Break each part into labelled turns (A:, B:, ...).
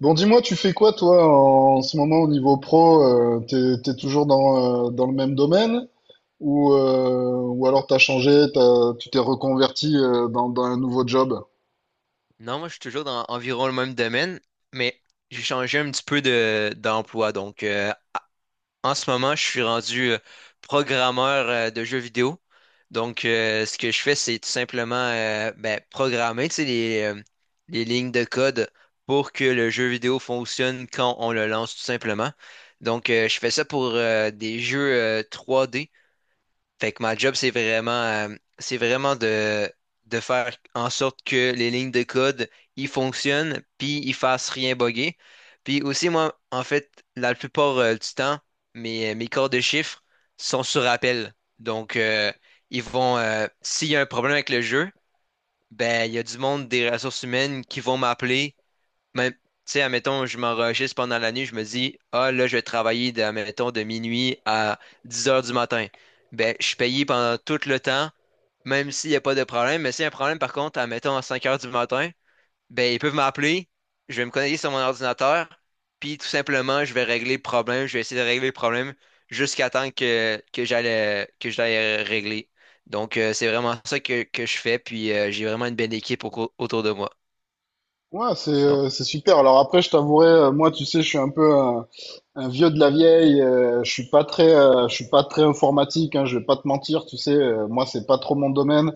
A: Bon, dis-moi, tu fais quoi toi ce moment au niveau pro? T'es toujours dans le même domaine ou alors t'as changé, tu t'es reconverti dans un nouveau job?
B: Non, moi, je suis toujours dans environ le même domaine, mais j'ai changé un petit peu d'emploi. Donc, en ce moment, je suis rendu programmeur de jeux vidéo. Donc, ce que je fais, c'est tout simplement programmer, tu sais, les lignes de code pour que le jeu vidéo fonctionne quand on le lance, tout simplement. Donc, je fais ça pour des jeux 3D. Fait que ma job, c'est c'est vraiment de faire en sorte que les lignes de code, ils fonctionnent, puis ils fassent rien bugger. Puis aussi, moi, en fait, la plupart du temps, mes corps de chiffres sont sur appel. Donc, ils vont, s'il y a un problème avec le jeu, ben, il y a du monde des ressources humaines qui vont m'appeler même, tu sais, admettons, je m'enregistre pendant la nuit, je me dis, ah, là, je vais travailler, admettons, de minuit à 10 heures du matin. Ben, je suis payé pendant tout le temps, même s'il n'y a pas de problème. Mais s'il y a un problème, par contre, admettons, à 5 heures du matin, ben, ils peuvent m'appeler, je vais me connecter sur mon ordinateur, puis tout simplement, je vais régler le problème, je vais essayer de régler le problème jusqu'à temps que j'aille régler. Donc, c'est vraiment ça que je fais, puis j'ai vraiment une belle équipe autour de moi.
A: Ouais, c'est
B: Donc
A: euh, c'est super. Alors après, je t'avouerai, moi, tu sais, je suis un peu un vieux de la vieille. Je suis pas très informatique. Hein, je vais pas te mentir, tu sais, moi, c'est pas trop mon domaine.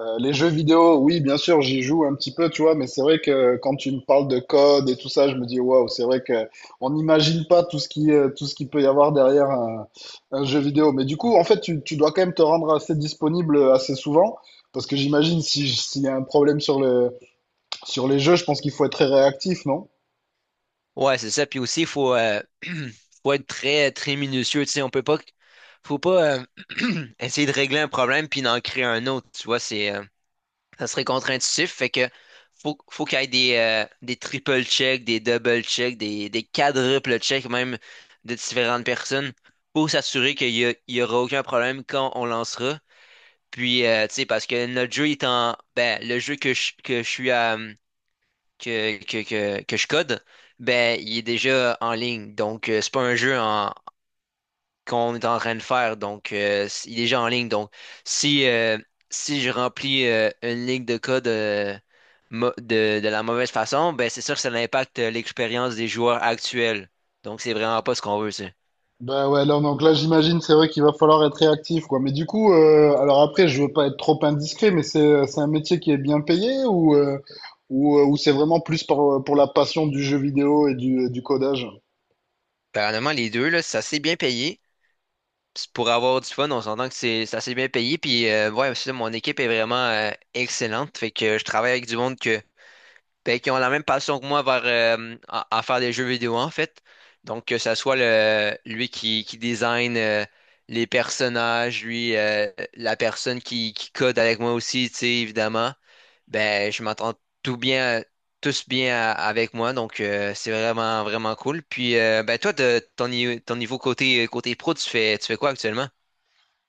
A: Les jeux vidéo, oui, bien sûr, j'y joue un petit peu, tu vois, mais c'est vrai que quand tu me parles de code et tout ça, je me dis, waouh, c'est vrai que on n'imagine pas tout ce tout ce qu'il peut y avoir derrière un jeu vidéo. Mais du coup, en fait, tu dois quand même te rendre assez disponible assez souvent, parce que j'imagine si, s'il y a un problème sur sur les jeux, je pense qu'il faut être très réactif, non?
B: Ouais, c'est ça. Puis aussi, il faut être très, très minutieux. Tu sais, on peut pas, faut pas essayer de régler un problème puis d'en créer un autre. Tu vois, ça serait contre-intuitif. Fait que faut qu'il y ait des triple checks, des double checks, des quadruple checks même de différentes personnes pour s'assurer il y aura aucun problème quand on lancera. Puis, tu sais, parce que notre jeu est en, ben, le jeu que je suis à, que je code, ben, il est déjà en ligne. Donc, c'est pas un jeu qu'on est en train de faire. Donc, il est déjà en ligne. Donc, si, euh, si je remplis une ligne de code de la mauvaise façon, ben, c'est sûr que ça impacte l'expérience des joueurs actuels. Donc, c'est vraiment pas ce qu'on veut, ça.
A: Bah ouais, là, donc là, j'imagine, c'est vrai qu'il va falloir être réactif, quoi. Mais du coup, alors après, je veux pas être trop indiscret, mais c'est un métier qui est bien payé ou c'est vraiment plus pour la passion du jeu vidéo et du codage?
B: Apparemment, les deux, là, c'est assez bien payé. Puis pour avoir du fun, on s'entend que c'est assez bien payé. Puis ouais, c'est ça, mon équipe est vraiment excellente. Fait que je travaille avec du monde que, ben, qui ont la même passion que moi à faire des jeux vidéo en fait. Donc que ça soit le lui qui design les personnages, lui la personne qui code avec moi aussi, tu sais, évidemment. Ben je m'entends tout bien, tous bien avec moi. Donc c'est vraiment cool. Puis ben toi, de ton, ni- ton niveau côté pro, tu fais quoi actuellement?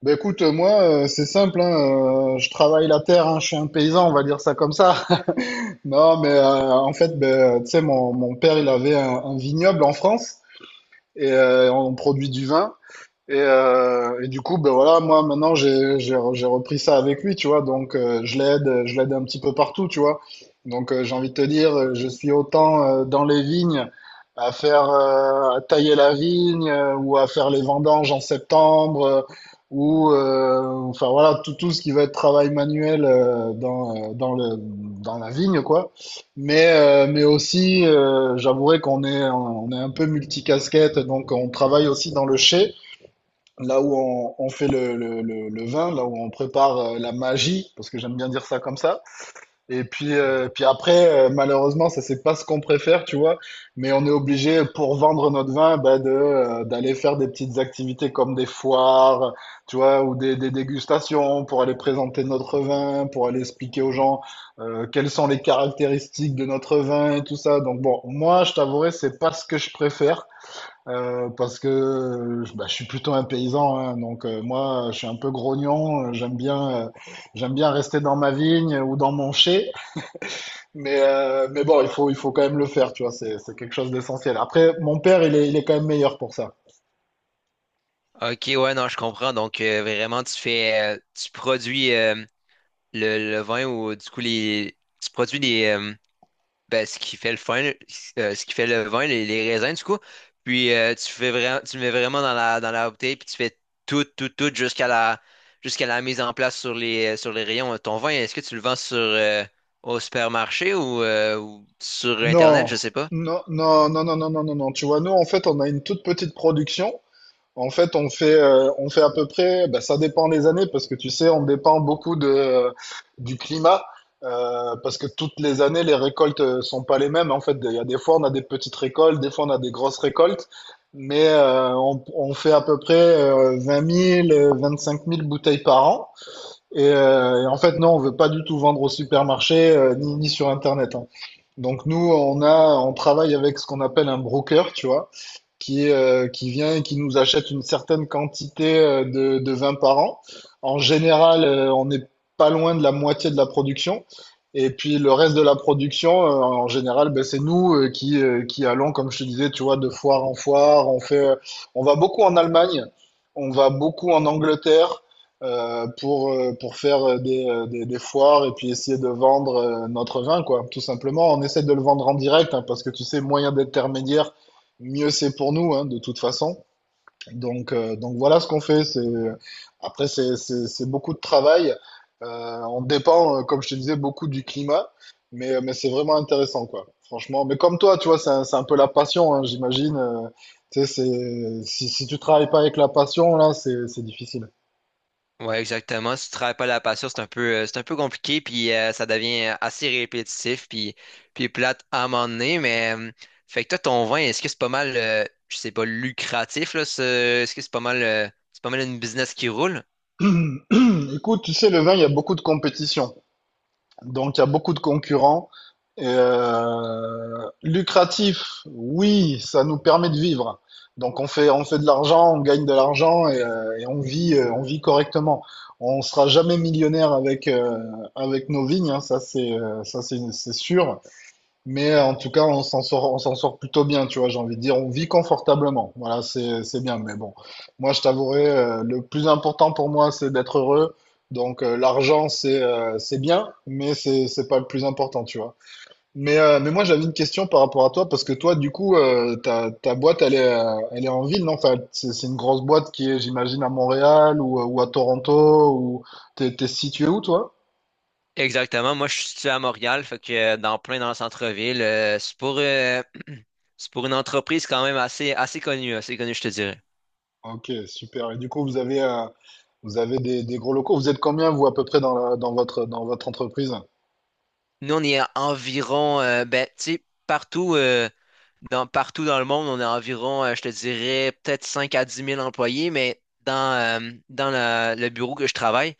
A: Bah écoute, moi, c'est simple, hein, je travaille la terre, hein, je suis un paysan, on va dire ça comme ça. Non, mais en fait, ben, tu sais, mon père, il avait un vignoble en France et on produit du vin. Et du coup, ben voilà, moi maintenant j'ai repris ça avec lui, tu vois. Donc je l'aide un petit peu partout, tu vois. Donc j'ai envie de te dire, je suis autant dans les vignes à faire à tailler la vigne ou à faire les vendanges en septembre ou enfin voilà tout tout ce qui va être travail manuel dans le dans la vigne quoi. Mais aussi, j'avouerai qu'on est un peu multicasquette, donc on travaille aussi dans le chai là où on fait le vin, là où on prépare la magie, parce que j'aime bien dire ça comme ça. Et puis,
B: Mhm.
A: après, malheureusement, ça c'est pas ce qu'on préfère, tu vois. Mais on est obligé pour vendre notre vin, bah, de d'aller faire des petites activités comme des foires, tu vois, ou des dégustations pour aller présenter notre vin, pour aller expliquer aux gens quelles sont les caractéristiques de notre vin et tout ça. Donc bon, moi, je t'avouerai, c'est pas ce que je préfère. Parce que Bah, je suis plutôt un paysan, hein, donc moi je suis un peu grognon, j'aime bien rester dans ma vigne ou dans mon chai, mais bon, il faut quand même le faire, tu vois, c'est quelque chose d'essentiel. Après, mon père, il est quand même meilleur pour ça.
B: Ok, ouais, non, je comprends. Donc, vraiment, tu produis le vin ou du coup, tu produis ben, ce qui fait le vin, ce qui fait le vin, les raisins, du coup. Puis, tu fais vraiment, tu le mets vraiment dans dans la bouteille, puis tu fais tout jusqu'à jusqu'à la mise en place sur sur les rayons. Ton vin, est-ce que tu le vends au supermarché ou sur Internet? Je
A: Non,
B: sais pas.
A: non, non, non, non, non, non, non, non, tu vois, nous en fait on a une toute petite production. En fait, on fait à peu près, bah, ça dépend des années, parce que tu sais, on dépend beaucoup du climat, parce que toutes les années, les récoltes sont pas les mêmes. En fait, il y a des fois, on a des petites récoltes, des fois, on a des grosses récoltes, mais on fait à peu près 20 000, 25 000 bouteilles par an. Et en fait, non, on veut pas du tout vendre au supermarché, ni sur Internet, hein. Donc nous, on travaille avec ce qu'on appelle un broker, tu vois qui vient et qui nous achète une certaine quantité de vin par an. En général, on n'est pas loin de la moitié de la production. Et puis le reste de la production, en général, ben, c'est nous qui allons, comme je te disais, tu vois, de foire en foire. On va beaucoup en Allemagne, on va beaucoup en Angleterre pour faire des foires et puis essayer de vendre notre vin, quoi, tout simplement. On essaie de le vendre en direct, hein, parce que tu sais, moyen d'intermédiaire, mieux c'est pour nous, hein, de toute façon. Donc voilà ce qu'on fait. C'est, après, C'est beaucoup de travail. On dépend, comme je te disais, beaucoup du climat. Mais c'est vraiment intéressant, quoi. Franchement. Mais comme toi, tu vois, c'est c'est un peu la passion, hein, j'imagine. Tu sais, c'est, si tu travailles pas avec la passion, là, c'est difficile.
B: Ouais, exactement. Si tu travailles pas la passion, c'est un c'est un peu compliqué, puis ça devient assez répétitif, puis plate à un moment donné. Mais fait que toi, ton vin, est-ce que c'est pas mal, je sais pas, lucratif là, est-ce que c'est pas mal une business qui roule?
A: Écoute, tu sais, le vin, il y a beaucoup de compétition. Donc, il y a beaucoup de concurrents. Lucratif, oui, ça nous permet de vivre. Donc on fait de l'argent, on gagne de l'argent et on vit correctement. On sera jamais millionnaire avec, avec nos vignes, hein, ça c'est sûr. Mais en tout cas, on s'en sort plutôt bien, tu vois, j'ai envie de dire. On vit confortablement. Voilà, c'est bien. Mais bon, moi, je t'avouerai, le plus important pour moi, c'est d'être heureux. Donc, l'argent, c'est bien, mais c'est pas le plus important, tu vois. Mais moi, j'avais une question par rapport à toi, parce que toi, du coup, ta boîte, elle est en ville, non? Enfin, c'est une grosse boîte qui est, j'imagine, à Montréal ou à Toronto, ou t'es situé où, toi?
B: Exactement. Moi, je suis situé à Montréal, fait que dans plein dans le centre-ville, c'est pour, c'est pour une entreprise quand même assez connue, je te dirais.
A: Ok, super. Et du coup, vous avez des gros locaux. Vous êtes combien, vous, à peu près, dans votre entreprise?
B: Nous, on est à environ, ben, tu sais, partout, partout dans le monde, on a environ, je te dirais, peut-être 5 à dix mille employés, mais dans le bureau que je travaille,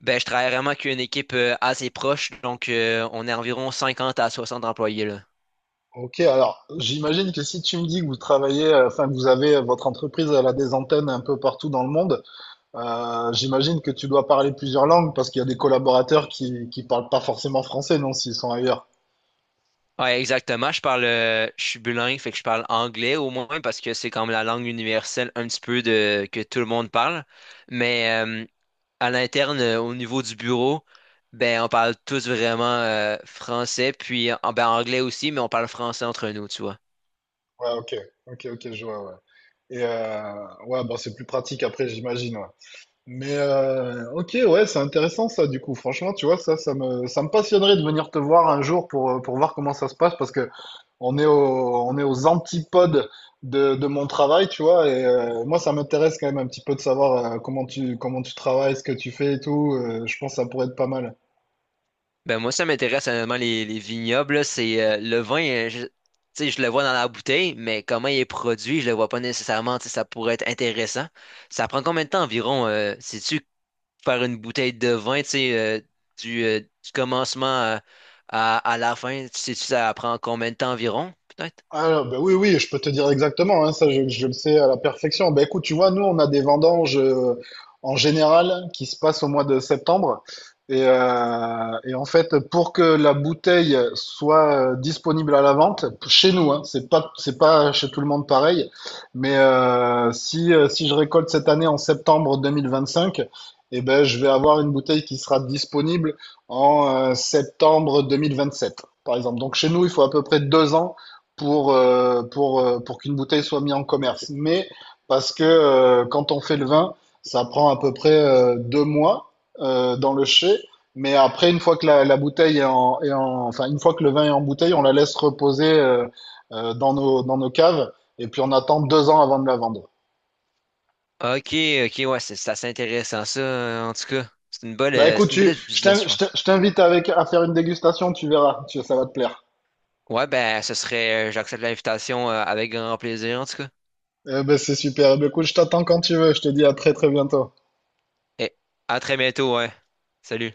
B: ben, je travaille vraiment qu'une équipe assez proche, donc on est environ 50 à 60 employés, là.
A: Ok, alors j'imagine que si tu me dis que vous travaillez, enfin que vous avez votre entreprise, elle a des antennes un peu partout dans le monde, j'imagine que tu dois parler plusieurs langues parce qu'il y a des collaborateurs qui parlent pas forcément français, non, s'ils sont ailleurs.
B: Ouais, exactement. Je parle, je suis bilingue, fait que je parle anglais au moins parce que c'est comme la langue universelle un petit peu de que tout le monde parle. Mais à l'interne, au niveau du bureau, ben, on parle tous vraiment français, puis en, ben, anglais aussi, mais on parle français entre nous, tu vois.
A: Ouais, ok, ok, ok, je vois, ouais. Et ouais, bon, c'est plus pratique après, j'imagine, ouais. Mais ok, ouais, c'est intéressant ça du coup. Franchement, tu vois, ça me passionnerait de venir te voir un jour pour voir comment ça se passe parce que on on est aux antipodes de mon travail, tu vois. Et moi, ça m'intéresse quand même un petit peu de savoir comment tu travailles, ce que tu fais et tout. Je pense que ça pourrait être pas mal.
B: Ben, moi, ça m'intéresse honnêtement, les vignobles, là, c'est le vin, je, tu sais, je le vois dans la bouteille, mais comment il est produit, je le vois pas nécessairement, tu sais, ça pourrait être intéressant. Ça prend combien de temps environ, sais-tu, faire une bouteille de vin, tu sais, du commencement à la fin, sais-tu, ça prend combien de temps environ, peut-être?
A: Ah, bah oui, oui, je peux te dire exactement, hein, ça je le sais à la perfection. Bah écoute, tu vois, nous on a des vendanges en général qui se passent au mois de septembre. Et en fait, pour que la bouteille soit disponible à la vente, chez nous, hein, c'est pas chez tout le monde pareil, mais si je récolte cette année en septembre 2025, eh ben, je vais avoir une bouteille qui sera disponible en septembre 2027, par exemple. Donc chez nous, il faut à peu près 2 ans pour, pour qu'une bouteille soit mise en commerce. Mais parce que quand on fait le vin, ça prend à peu près 2 mois dans le chai. Mais après, une fois que la bouteille enfin, une fois que le vin est en bouteille, on la laisse reposer dans nos caves. Et puis on attend 2 ans avant de la vendre.
B: Ok, ok, ouais, c'est assez intéressant ça, en tout cas. C'est une
A: Bah écoute,
B: c'est une
A: tu,
B: belle business, je pense.
A: je t'invite avec à faire une dégustation, tu verras, tu, ça va te plaire.
B: Ouais, ben, ce serait, j'accepte l'invitation, avec grand plaisir, en tout cas.
A: Eh ben, c'est super. Eh ben, écoute, je t'attends quand tu veux. Je te dis à très très bientôt.
B: Et à très bientôt, ouais. Salut.